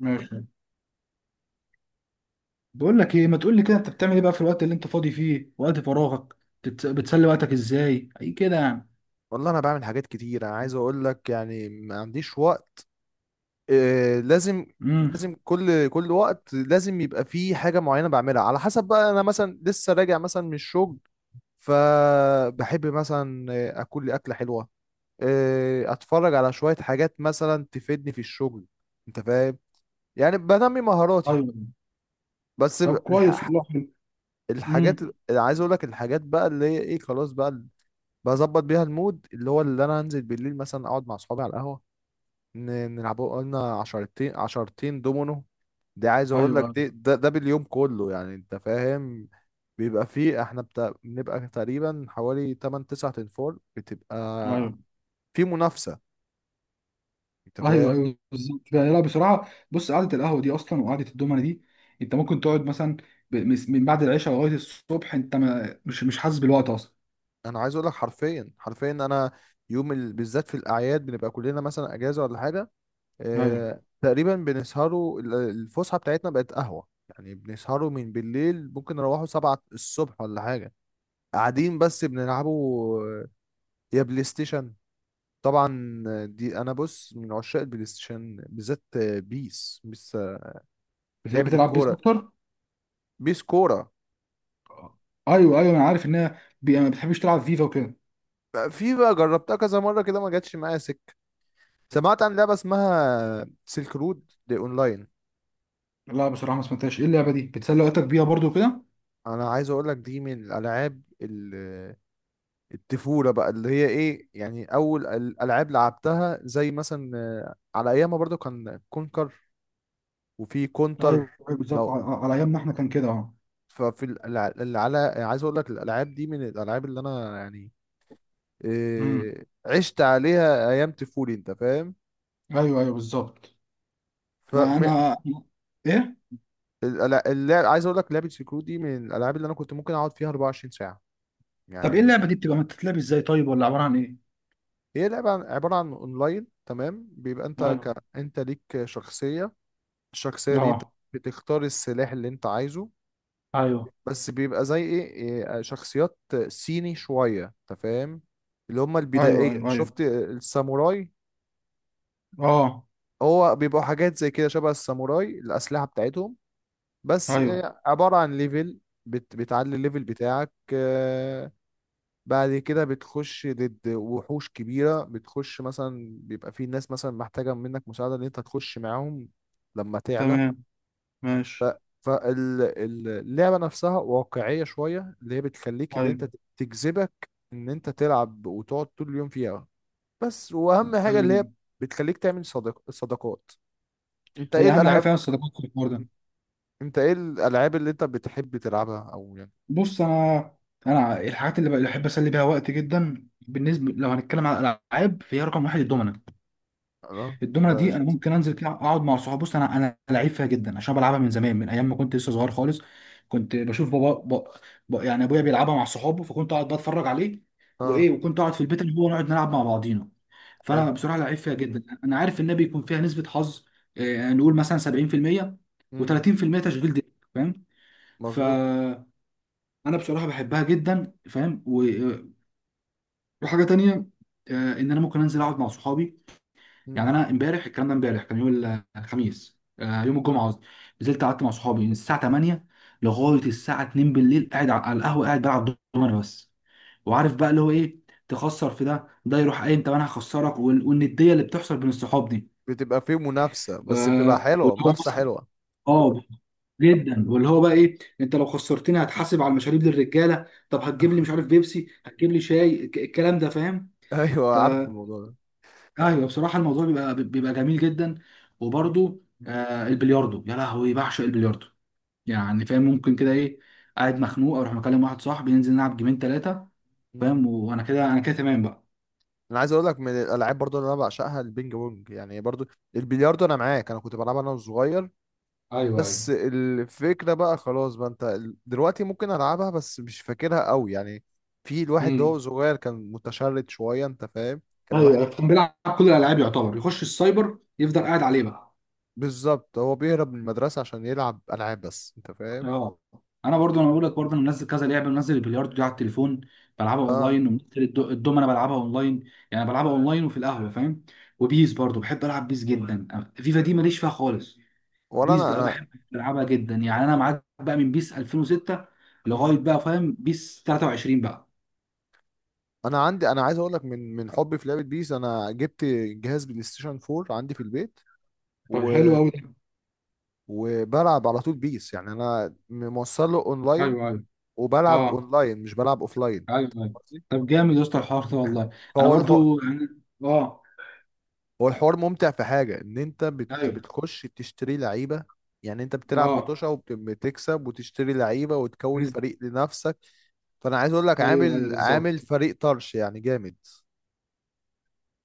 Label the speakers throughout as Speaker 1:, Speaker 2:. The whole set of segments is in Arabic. Speaker 1: ماشي. بقول لك ايه، ما تقول لي كده انت بتعمل ايه بقى في الوقت اللي انت فاضي فيه؟ وقت فراغك بتسلي وقتك ازاي اي كده يعني؟
Speaker 2: والله انا بعمل حاجات كتير. انا عايز اقول لك يعني ما عنديش وقت. آه لازم.
Speaker 1: امم
Speaker 2: لازم كل وقت لازم يبقى فيه حاجة معينة بعملها. على حسب بقى، انا مثلا لسه راجع مثلا من الشغل. فبحب مثلا اكل لي اكلة حلوة. اتفرج على شوية حاجات مثلا تفيدني في الشغل. انت فاهم؟ يعني بنمي مهاراتي.
Speaker 1: ايوه.
Speaker 2: بس
Speaker 1: طب كويس والله، حلو.
Speaker 2: الحاجات
Speaker 1: امم
Speaker 2: اللي عايز اقول لك الحاجات بقى اللي هي ايه خلاص بقى، بظبط بيها المود اللي هو اللي انا هنزل بالليل مثلا اقعد مع اصحابي على القهوة. نلعبوا قلنا عشرتين عشرتين دومينو. دي عايز اقول لك
Speaker 1: ايوه
Speaker 2: دي ده باليوم كله يعني. انت فاهم؟ بيبقى فيه احنا بنبقى تقريبا حوالي 8 9 تنفور.
Speaker 1: ايوه
Speaker 2: بتبقى في منافسة. انت
Speaker 1: ايوه
Speaker 2: فاهم؟
Speaker 1: ايوه بالظبط كده. لا بصراحه، بص قعده القهوه دي اصلا وقعده الدومنه دي، انت ممكن تقعد مثلا من بعد العشاء لغايه الصبح، انت ما مش مش حاسس بالوقت اصلا.
Speaker 2: انا عايز اقول لك حرفيا حرفيا انا يوم بالذات في الاعياد بنبقى كلنا مثلا اجازة ولا حاجة.
Speaker 1: ايوه،
Speaker 2: اه... تقريبا بنسهروا الفسحة بتاعتنا بقت قهوة يعني. بنسهروا من بالليل ممكن نروحوا سبعة الصبح ولا حاجة. قاعدين بس بنلعبوا يا بلاي ستيشن. طبعا دي انا بص من عشاق البلاي ستيشن بالذات. بيس بيس. لعبة
Speaker 1: بتحب تلعب بيس
Speaker 2: الكورة.
Speaker 1: اكتر؟
Speaker 2: بيس كورة.
Speaker 1: ايوه ايوه، انا عارف انها ما بتحبش تلعب فيفا وكده.
Speaker 2: في بقى جربتها كذا مرة كده ما جاتش معايا سكة. سمعت عن لعبة اسمها سيلك رود دي اونلاين.
Speaker 1: لا بصراحه ما سمعتهاش، ايه اللعبه دي؟ بتسلي وقتك بيها برضو كده؟
Speaker 2: انا عايز اقول لك دي من الالعاب الطفولة بقى اللي هي ايه، يعني اول الالعاب لعبتها زي مثلا على ايامها برضو كان كونكر وفي كونتر.
Speaker 1: ايوه، أيوة بالظبط،
Speaker 2: لو
Speaker 1: على على ايامنا احنا كان كده اه.
Speaker 2: ففي الع- الع- عايز اقول لك الالعاب دي من الالعاب اللي انا يعني
Speaker 1: امم
Speaker 2: عشت عليها ايام طفولي. انت فاهم؟
Speaker 1: ايوه ايوه بالظبط.
Speaker 2: ف
Speaker 1: لا انا، ايه؟
Speaker 2: اللعب عايز اقول لك لعبه سكرو دي من الالعاب اللي انا كنت ممكن اقعد فيها 24 ساعه
Speaker 1: طب
Speaker 2: يعني
Speaker 1: ايه اللعبه دي؟ بتبقى بتتلعب ازاي طيب؟ ولا عباره عن ايه؟
Speaker 2: هي لعبه عباره عن اونلاين. تمام بيبقى
Speaker 1: ايوه.
Speaker 2: انت ليك شخصيه. الشخصيه دي انت
Speaker 1: اه.
Speaker 2: بتختار السلاح اللي انت عايزه.
Speaker 1: ايوه
Speaker 2: بس بيبقى زي ايه شخصيات صيني شويه. انت فاهم؟ اللي هم
Speaker 1: ايوه
Speaker 2: البدائيه
Speaker 1: ايوه ايوه.
Speaker 2: شفت الساموراي.
Speaker 1: اه.
Speaker 2: هو بيبقوا حاجات زي كده شبه الساموراي. الاسلحه بتاعتهم بس
Speaker 1: ايوه.
Speaker 2: عبارة عن ليفل. بتعلي الليفل بتاعك. بعد كده بتخش ضد وحوش كبيرة. بتخش مثلا بيبقى في ناس مثلا محتاجة منك مساعدة ان انت تخش معاهم لما تعلى.
Speaker 1: تمام. ماشي.
Speaker 2: فاللعبة نفسها واقعية شوية اللي هي بتخليك اللي
Speaker 1: ايوه
Speaker 2: انت تجذبك ان انت تلعب وتقعد طول اليوم فيها. بس واهم حاجة
Speaker 1: ايوه
Speaker 2: اللي هي
Speaker 1: أيوة.
Speaker 2: بتخليك تعمل صداقات. انت ايه
Speaker 1: هي اهم حاجه
Speaker 2: الالعاب
Speaker 1: فيها الصداقات في الحوار ده.
Speaker 2: انت ايه الالعاب اللي انت بتحب تلعبها او يعني؟
Speaker 1: بص انا، انا الحاجات اللي بحب اسلي بيها وقت جدا، بالنسبه لو هنتكلم على الالعاب، فهي رقم واحد الدومنه.
Speaker 2: اه،
Speaker 1: الدومنه
Speaker 2: ده
Speaker 1: دي انا
Speaker 2: شيء أساسي.
Speaker 1: ممكن انزل كده اقعد مع صحابي. بص انا، انا لعيب فيها جدا عشان بلعبها من زمان، من ايام ما كنت لسه صغير خالص. كنت بشوف يعني ابويا بيلعبها مع صحابه، فكنت اقعد بتفرج عليه
Speaker 2: اه
Speaker 1: وايه، وكنت اقعد في البيت اللي هو نقعد نلعب مع بعضينا.
Speaker 2: حلو.
Speaker 1: فانا بصراحه لعيب فيها جدا. انا عارف انها بيكون فيها نسبه حظ، يعني نقول مثلا 70%
Speaker 2: امم.
Speaker 1: و30% تشغيل دماغ، فاهم؟
Speaker 2: مظبوط.
Speaker 1: فانا بصراحه بحبها جدا فاهم. وحاجه تانيه، ان انا ممكن انزل اقعد مع صحابي. يعني
Speaker 2: امم.
Speaker 1: انا امبارح، الكلام ده امبارح، كان يوم الخميس، يوم الجمعه قصدي. نزلت قعدت مع صحابي من الساعه 8
Speaker 2: امم.
Speaker 1: لغايه الساعه 2 بالليل، قاعد على على القهوه قاعد بلعب دومنه بس. وعارف بقى اللي هو ايه؟ تخسر في ده، ده يروح قايم، طب انا هخسرك. والنديه اللي بتحصل بين الصحاب دي،
Speaker 2: بتبقى فيه منافسة، بس بتبقى حلوة.
Speaker 1: واللي هو
Speaker 2: منافسة
Speaker 1: مثلا
Speaker 2: حلوة.
Speaker 1: اه جدا، واللي هو بقى ايه؟ انت لو خسرتني هتحاسب على المشاريب للرجاله، طب هتجيب لي مش عارف بيبسي، هتجيب لي شاي، الكلام ده فاهم.
Speaker 2: ايوه عارف الموضوع ده.
Speaker 1: ايوه بصراحه الموضوع بيبقى جميل جدا.
Speaker 2: مم.
Speaker 1: وبرده آه، البلياردو، يا لهوي بعشق البلياردو. يعني فاهم، ممكن كده ايه، قاعد مخنوق اروح مكلم واحد صاحبي ننزل نلعب جيمين ثلاثه،
Speaker 2: مم.
Speaker 1: فاهم؟ وانا كده، انا كده تمام بقى.
Speaker 2: انا عايز اقول لك من الالعاب برضو اللي انا بعشقها البينج بونج، يعني برضو البلياردو. انا معاك انا كنت بلعبها انا وصغير.
Speaker 1: ايوه ايوه.
Speaker 2: بس الفكره بقى خلاص بقى انت دلوقتي ممكن العبها بس مش فاكرها قوي يعني. في الواحد ده
Speaker 1: امم
Speaker 2: هو صغير كان متشرد شويه. انت فاهم؟ كان الواحد
Speaker 1: ايوه، كان بيلعب كل الالعاب يعتبر، يخش السايبر يفضل قاعد عليه بقى.
Speaker 2: بالظبط هو بيهرب من المدرسه عشان يلعب العاب بس. انت فاهم؟
Speaker 1: اه انا برضو، انا بقول لك برضو انا منزل كذا لعبه، منزل البلياردو دي على التليفون بلعبها
Speaker 2: اه
Speaker 1: اونلاين، ومنزل الدومنه بلعبها اونلاين، يعني بلعبها اونلاين وفي القهوه فاهم. وبيس برضو بحب العب بيس جدا، فيفا دي ماليش فيها خالص.
Speaker 2: ولا
Speaker 1: بيس
Speaker 2: انا.
Speaker 1: بقى
Speaker 2: انا
Speaker 1: بحب العبها جدا، يعني انا معاك بقى من بيس 2006
Speaker 2: مم.
Speaker 1: لغايه بقى فاهم بيس 23 بقى.
Speaker 2: انا عندي انا عايز اقول لك من حبي في لعبه بيس انا جبت جهاز بلاي ستيشن 4 عندي في البيت،
Speaker 1: طب
Speaker 2: و...
Speaker 1: حلو قوي ده.
Speaker 2: وبلعب على طول بيس. يعني انا موصله اونلاين
Speaker 1: ايوه ايوه.
Speaker 2: وبلعب
Speaker 1: اه.
Speaker 2: اونلاين مش بلعب اوفلاين.
Speaker 1: ايوه ايوه.
Speaker 2: قصدي؟
Speaker 1: طب جامد يا اسطى الحوار ده والله. انا
Speaker 2: فهو الحوار
Speaker 1: برضو يعني اه.
Speaker 2: هو الحوار ممتع في حاجه ان انت
Speaker 1: ايوه.
Speaker 2: بتخش تشتري لعيبه. يعني انت بتلعب
Speaker 1: اه.
Speaker 2: مطوشه وبتكسب وتشتري لعيبه وتكون فريق لنفسك. فانا عايز اقول لك
Speaker 1: ايوه ايوه
Speaker 2: عامل
Speaker 1: بالظبط.
Speaker 2: فريق طرش يعني جامد.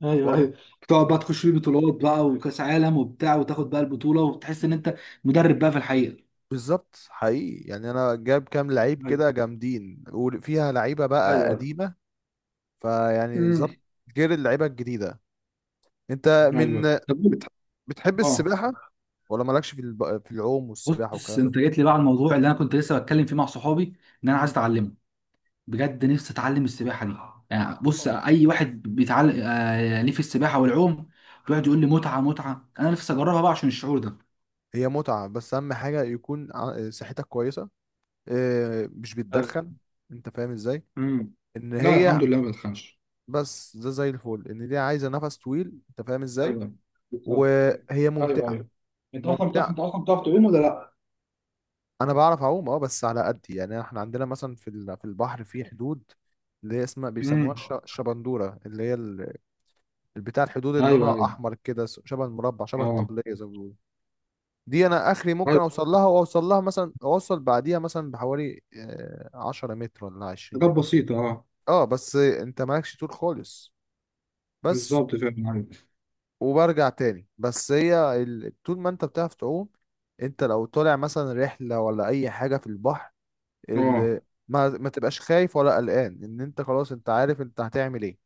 Speaker 1: ايوه
Speaker 2: طبعا.
Speaker 1: ايوه. بتقعد بقى تخش بيه بطولات بقى وكاس عالم وبتاع، وتاخد بقى البطوله وتحس ان انت مدرب بقى في الحقيقه.
Speaker 2: بالظبط حقيقي يعني انا جاب كام لعيب
Speaker 1: ايوه
Speaker 2: كده جامدين، وفيها لعيبه بقى
Speaker 1: ايوه.
Speaker 2: قديمه. فيعني
Speaker 1: امم
Speaker 2: ظبط غير اللعيبه الجديده. انت من
Speaker 1: ايوه. طب قول-
Speaker 2: بتح- بتحب
Speaker 1: اه،
Speaker 2: السباحه؟ ولا مالكش في في العوم والسباحه
Speaker 1: بص
Speaker 2: والكلام ده؟
Speaker 1: انت جيت لي بقى على الموضوع اللي انا كنت لسه بتكلم فيه مع صحابي، ان انا عايز
Speaker 2: مم.
Speaker 1: اتعلمه. بجد نفسي اتعلم السباحه دي. يعني بص،
Speaker 2: آه.
Speaker 1: اي واحد بيتعلم آه ليه في السباحه والعوم، بيقعد يقول لي متعه متعه، انا نفسي اجربها بقى عشان الشعور ده.
Speaker 2: هي متعه بس اهم حاجه يكون صحتك كويسه. مش
Speaker 1: ايوه.
Speaker 2: بتدخن؟ انت فاهم ازاي؟
Speaker 1: امم
Speaker 2: ان
Speaker 1: لا
Speaker 2: هي
Speaker 1: الحمد لله ما بتخنش.
Speaker 2: بس ده زي الفل. ان دي عايزه نفس طويل. انت فاهم ازاي؟
Speaker 1: ايوه. بالظبط.
Speaker 2: وهي
Speaker 1: ايوه
Speaker 2: ممتعه.
Speaker 1: ايوه. انت اصلا بتعرف،
Speaker 2: ممتعه.
Speaker 1: انت اصلا بتعرف تعوم ولا لا؟
Speaker 2: انا بعرف اعوم، اه بس على قدي يعني. احنا عندنا مثلا في في البحر في حدود اللي هي اسمها بيسموها
Speaker 1: امم
Speaker 2: الشبندوره اللي هي البتاع الحدود اللي
Speaker 1: ايوه
Speaker 2: لونها
Speaker 1: ايوه.
Speaker 2: احمر كده شبه المربع شبه
Speaker 1: اه.
Speaker 2: الطبليه زي ما بيقولوا. دي انا اخري ممكن
Speaker 1: ايوه،
Speaker 2: اوصل لها واوصل لها مثلا اوصل بعديها مثلا بحوالي 10 متر ولا 20
Speaker 1: حاجات
Speaker 2: متر.
Speaker 1: بسيطه اه.
Speaker 2: اه بس انت مالكش طول خالص بس.
Speaker 1: بالظبط فعلا ايوه.
Speaker 2: وبرجع تاني. بس هي طول ما انت بتعرف تعوم انت لو طالع مثلا رحله ولا اي حاجه في البحر
Speaker 1: اه.
Speaker 2: ال... ما تبقاش خايف ولا قلقان ان انت خلاص. انت عارف انت هتعمل ايه.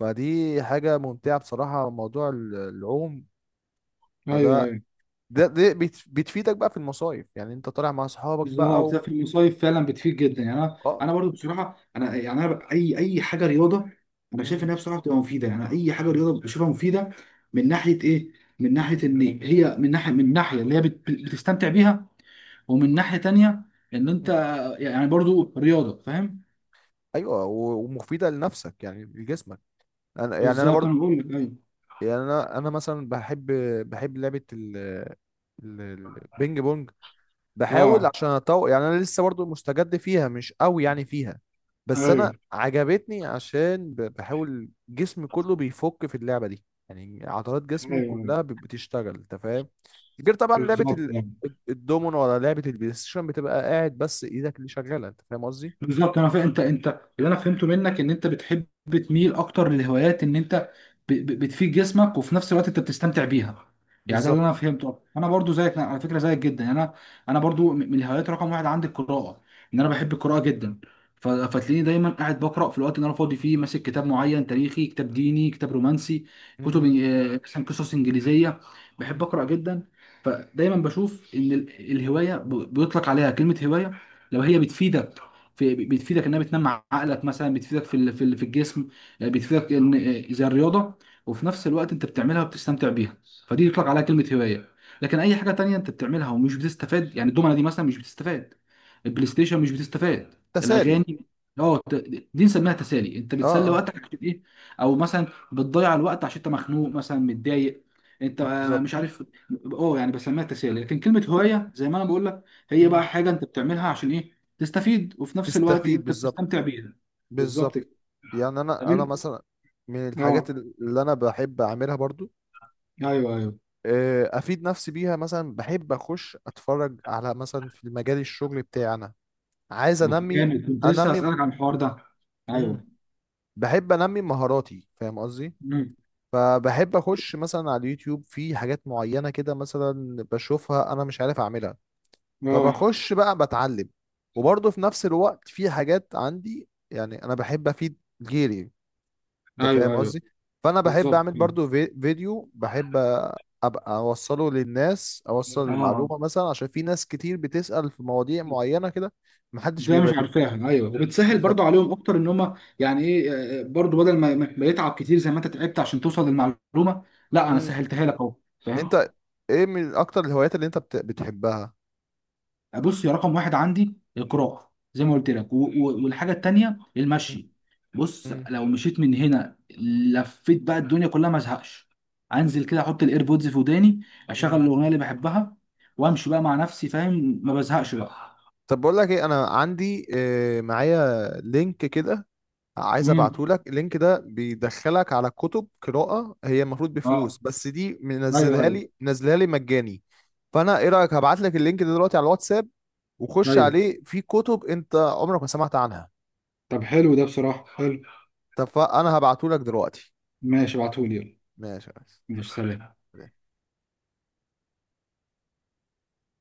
Speaker 2: فدي حاجة ممتعة بصراحة، موضوع العوم.
Speaker 1: ايوه
Speaker 2: فده
Speaker 1: ايوه
Speaker 2: بتفيدك بقى في المصايف، يعني انت طالع مع اصحابك بقى
Speaker 1: بالظبط. لا، في المصايف فعلا بتفيد جدا، يعني انا،
Speaker 2: اه.
Speaker 1: انا برضو بصراحه انا، يعني انا ب- اي اي حاجه رياضه، انا شايف
Speaker 2: مم.
Speaker 1: انها بصراحه بتبقى مفيده، يعني اي حاجه رياضه بشوفها مفيده. من ناحيه ايه؟ من ناحيه
Speaker 2: مم.
Speaker 1: ان هي، من ناحيه من ناحيه اللي هي بتستمتع بيها، ومن ناحيه تانيه ان انت يعني برضو رياضه، فاهم؟
Speaker 2: ايوه و- ومفيدة لنفسك يعني لجسمك. انا يعني انا
Speaker 1: بالظبط
Speaker 2: برضه
Speaker 1: انا بقول لك أيوة.
Speaker 2: يعني انا مثلا بحب لعبة ال- البينج بونج. بحاول
Speaker 1: اه.
Speaker 2: عشان اطور يعني، انا لسه برضو مستجد فيها مش قوي يعني فيها. بس
Speaker 1: ايوه
Speaker 2: انا عجبتني عشان بحاول جسمي كله بيفك في اللعبة دي. يعني عضلات
Speaker 1: ايوه
Speaker 2: جسمي
Speaker 1: أيوة.
Speaker 2: كلها بتشتغل. انت فاهم؟ غير طبعا لعبة
Speaker 1: بالظبط آه.
Speaker 2: الدومينو ولا لعبة البلاي ستيشن بتبقى قاعد بس ايدك اللي شغالة. انت فاهم قصدي؟
Speaker 1: بالظبط انا فاهم. انت انت، اللي انا فهمته منك، ان انت بتحب تميل اكتر للهوايات، ان انت بتفيد جسمك وفي نفس الوقت انت بتستمتع بيها. يعني ده اللي
Speaker 2: بالظبط.
Speaker 1: انا فهمته. انا برضو زيك، أنا على فكره زيك جدا. يعني انا، انا برضو من الهوايات رقم واحد عندي القراءه، ان انا بحب القراءه جدا. فتلاقيني دايما قاعد بقرا في الوقت اللي انا فاضي فيه، ماسك كتاب معين، تاريخي، كتاب ديني، كتاب رومانسي، كتب
Speaker 2: مم.
Speaker 1: مثلا قصص انجليزيه. بحب
Speaker 2: مم.
Speaker 1: اقرا جدا. فدايما بشوف ان الهوايه بيطلق عليها كلمه هوايه لو هي بتفيدك، في بتفيدك انها بتنمي عقلك مثلا، بتفيدك في في الجسم، بتفيدك ان زي الرياضه، وفي نفس الوقت انت بتعملها وبتستمتع بيها، فدي يطلق عليها كلمه هوايه. لكن اي حاجه تانية انت بتعملها ومش بتستفاد، يعني الدومنه دي مثلا مش بتستفاد، البلاي ستيشن مش بتستفاد،
Speaker 2: تسالي.
Speaker 1: الاغاني اه ت-، دي نسميها تسالي، انت
Speaker 2: اه
Speaker 1: بتسلي
Speaker 2: اه.
Speaker 1: وقتك عشان ايه، او مثلا بتضيع الوقت عشان انت مخنوق مثلا متضايق، انت مش
Speaker 2: بالظبط.
Speaker 1: عارف. اه، يعني بسميها تسالي. لكن كلمه هوايه زي ما انا بقول لك، هي
Speaker 2: مم.
Speaker 1: بقى حاجه انت بتعملها عشان ايه؟ تستفيد وفي نفس الوقت
Speaker 2: تستفيد
Speaker 1: انت
Speaker 2: بالظبط.
Speaker 1: بتستمتع بيها. بالظبط
Speaker 2: بالظبط.
Speaker 1: كده.
Speaker 2: يعني
Speaker 1: طب
Speaker 2: انا
Speaker 1: إن-
Speaker 2: مثلا من الحاجات
Speaker 1: اه،
Speaker 2: اللي انا بحب اعملها برضو،
Speaker 1: ايوه ايوه.
Speaker 2: افيد نفسي بيها. مثلا بحب اخش اتفرج على مثلا في المجال الشغل بتاعنا. عايز انمي
Speaker 1: جامد، كنت لسه
Speaker 2: انمي
Speaker 1: هسألك عن الحوار ده.
Speaker 2: مم.
Speaker 1: ايوه.
Speaker 2: بحب انمي مهاراتي. فاهم قصدي؟
Speaker 1: مم.
Speaker 2: فبحب اخش مثلا على اليوتيوب في حاجات معينة كده مثلا بشوفها انا مش عارف اعملها،
Speaker 1: اه.
Speaker 2: فبخش بقى بتعلم. وبرضه في نفس الوقت في حاجات عندي، يعني انا بحب افيد غيري. انت
Speaker 1: ايوه
Speaker 2: فاهم
Speaker 1: ايوه
Speaker 2: قصدي؟ فانا بحب
Speaker 1: بالظبط.
Speaker 2: اعمل
Speaker 1: مم.
Speaker 2: برضو فيديو بحب ابقى اوصله للناس اوصل
Speaker 1: اه،
Speaker 2: المعلومه. مثلا عشان في ناس كتير بتسال في مواضيع معينه كده محدش
Speaker 1: ده مش
Speaker 2: بيبقى
Speaker 1: عارفاها، ايوه، وبتسهل برضو
Speaker 2: بالظبط.
Speaker 1: عليهم اكتر ان هم يعني ايه، برضو بدل ما ما يتعب كتير زي ما انت تعبت عشان توصل للمعلومه، لا انا
Speaker 2: مم.
Speaker 1: سهلتها لك اهو، فاهم.
Speaker 2: انت ايه من اكتر الهوايات اللي انت بتحبها؟
Speaker 1: بص يا، رقم واحد عندي القراءة زي ما قلت لك، والحاجة التانية
Speaker 2: مم.
Speaker 1: المشي. بص
Speaker 2: مم.
Speaker 1: لو مشيت من هنا لفيت بقى الدنيا كلها ما ازهقش. انزل كده احط الايربودز في وداني،
Speaker 2: مم.
Speaker 1: اشغل الاغنية اللي بحبها، وامشي بقى مع نفسي فاهم، ما بزهقش بقى.
Speaker 2: طب بقول لك ايه. انا عندي معايا لينك كده عايز
Speaker 1: امم
Speaker 2: ابعتهولك. اللينك ده بيدخلك على كتب قراءة، هي المفروض
Speaker 1: اه.
Speaker 2: بفلوس، بس دي
Speaker 1: ايوه
Speaker 2: منزلها
Speaker 1: ايوه
Speaker 2: لي منزلها لي مجاني. فانا ايه رأيك هبعت لك اللينك ده دلوقتي على الواتساب وخش
Speaker 1: ايوه.
Speaker 2: عليه في كتب انت عمرك ما سمعت عنها.
Speaker 1: طب حلو ده بصراحة، حلو.
Speaker 2: طب فانا هبعتهولك دلوقتي.
Speaker 1: ماشي ابعتهولي يلا.
Speaker 2: ماشي يا ريس.
Speaker 1: ماشي، سلام.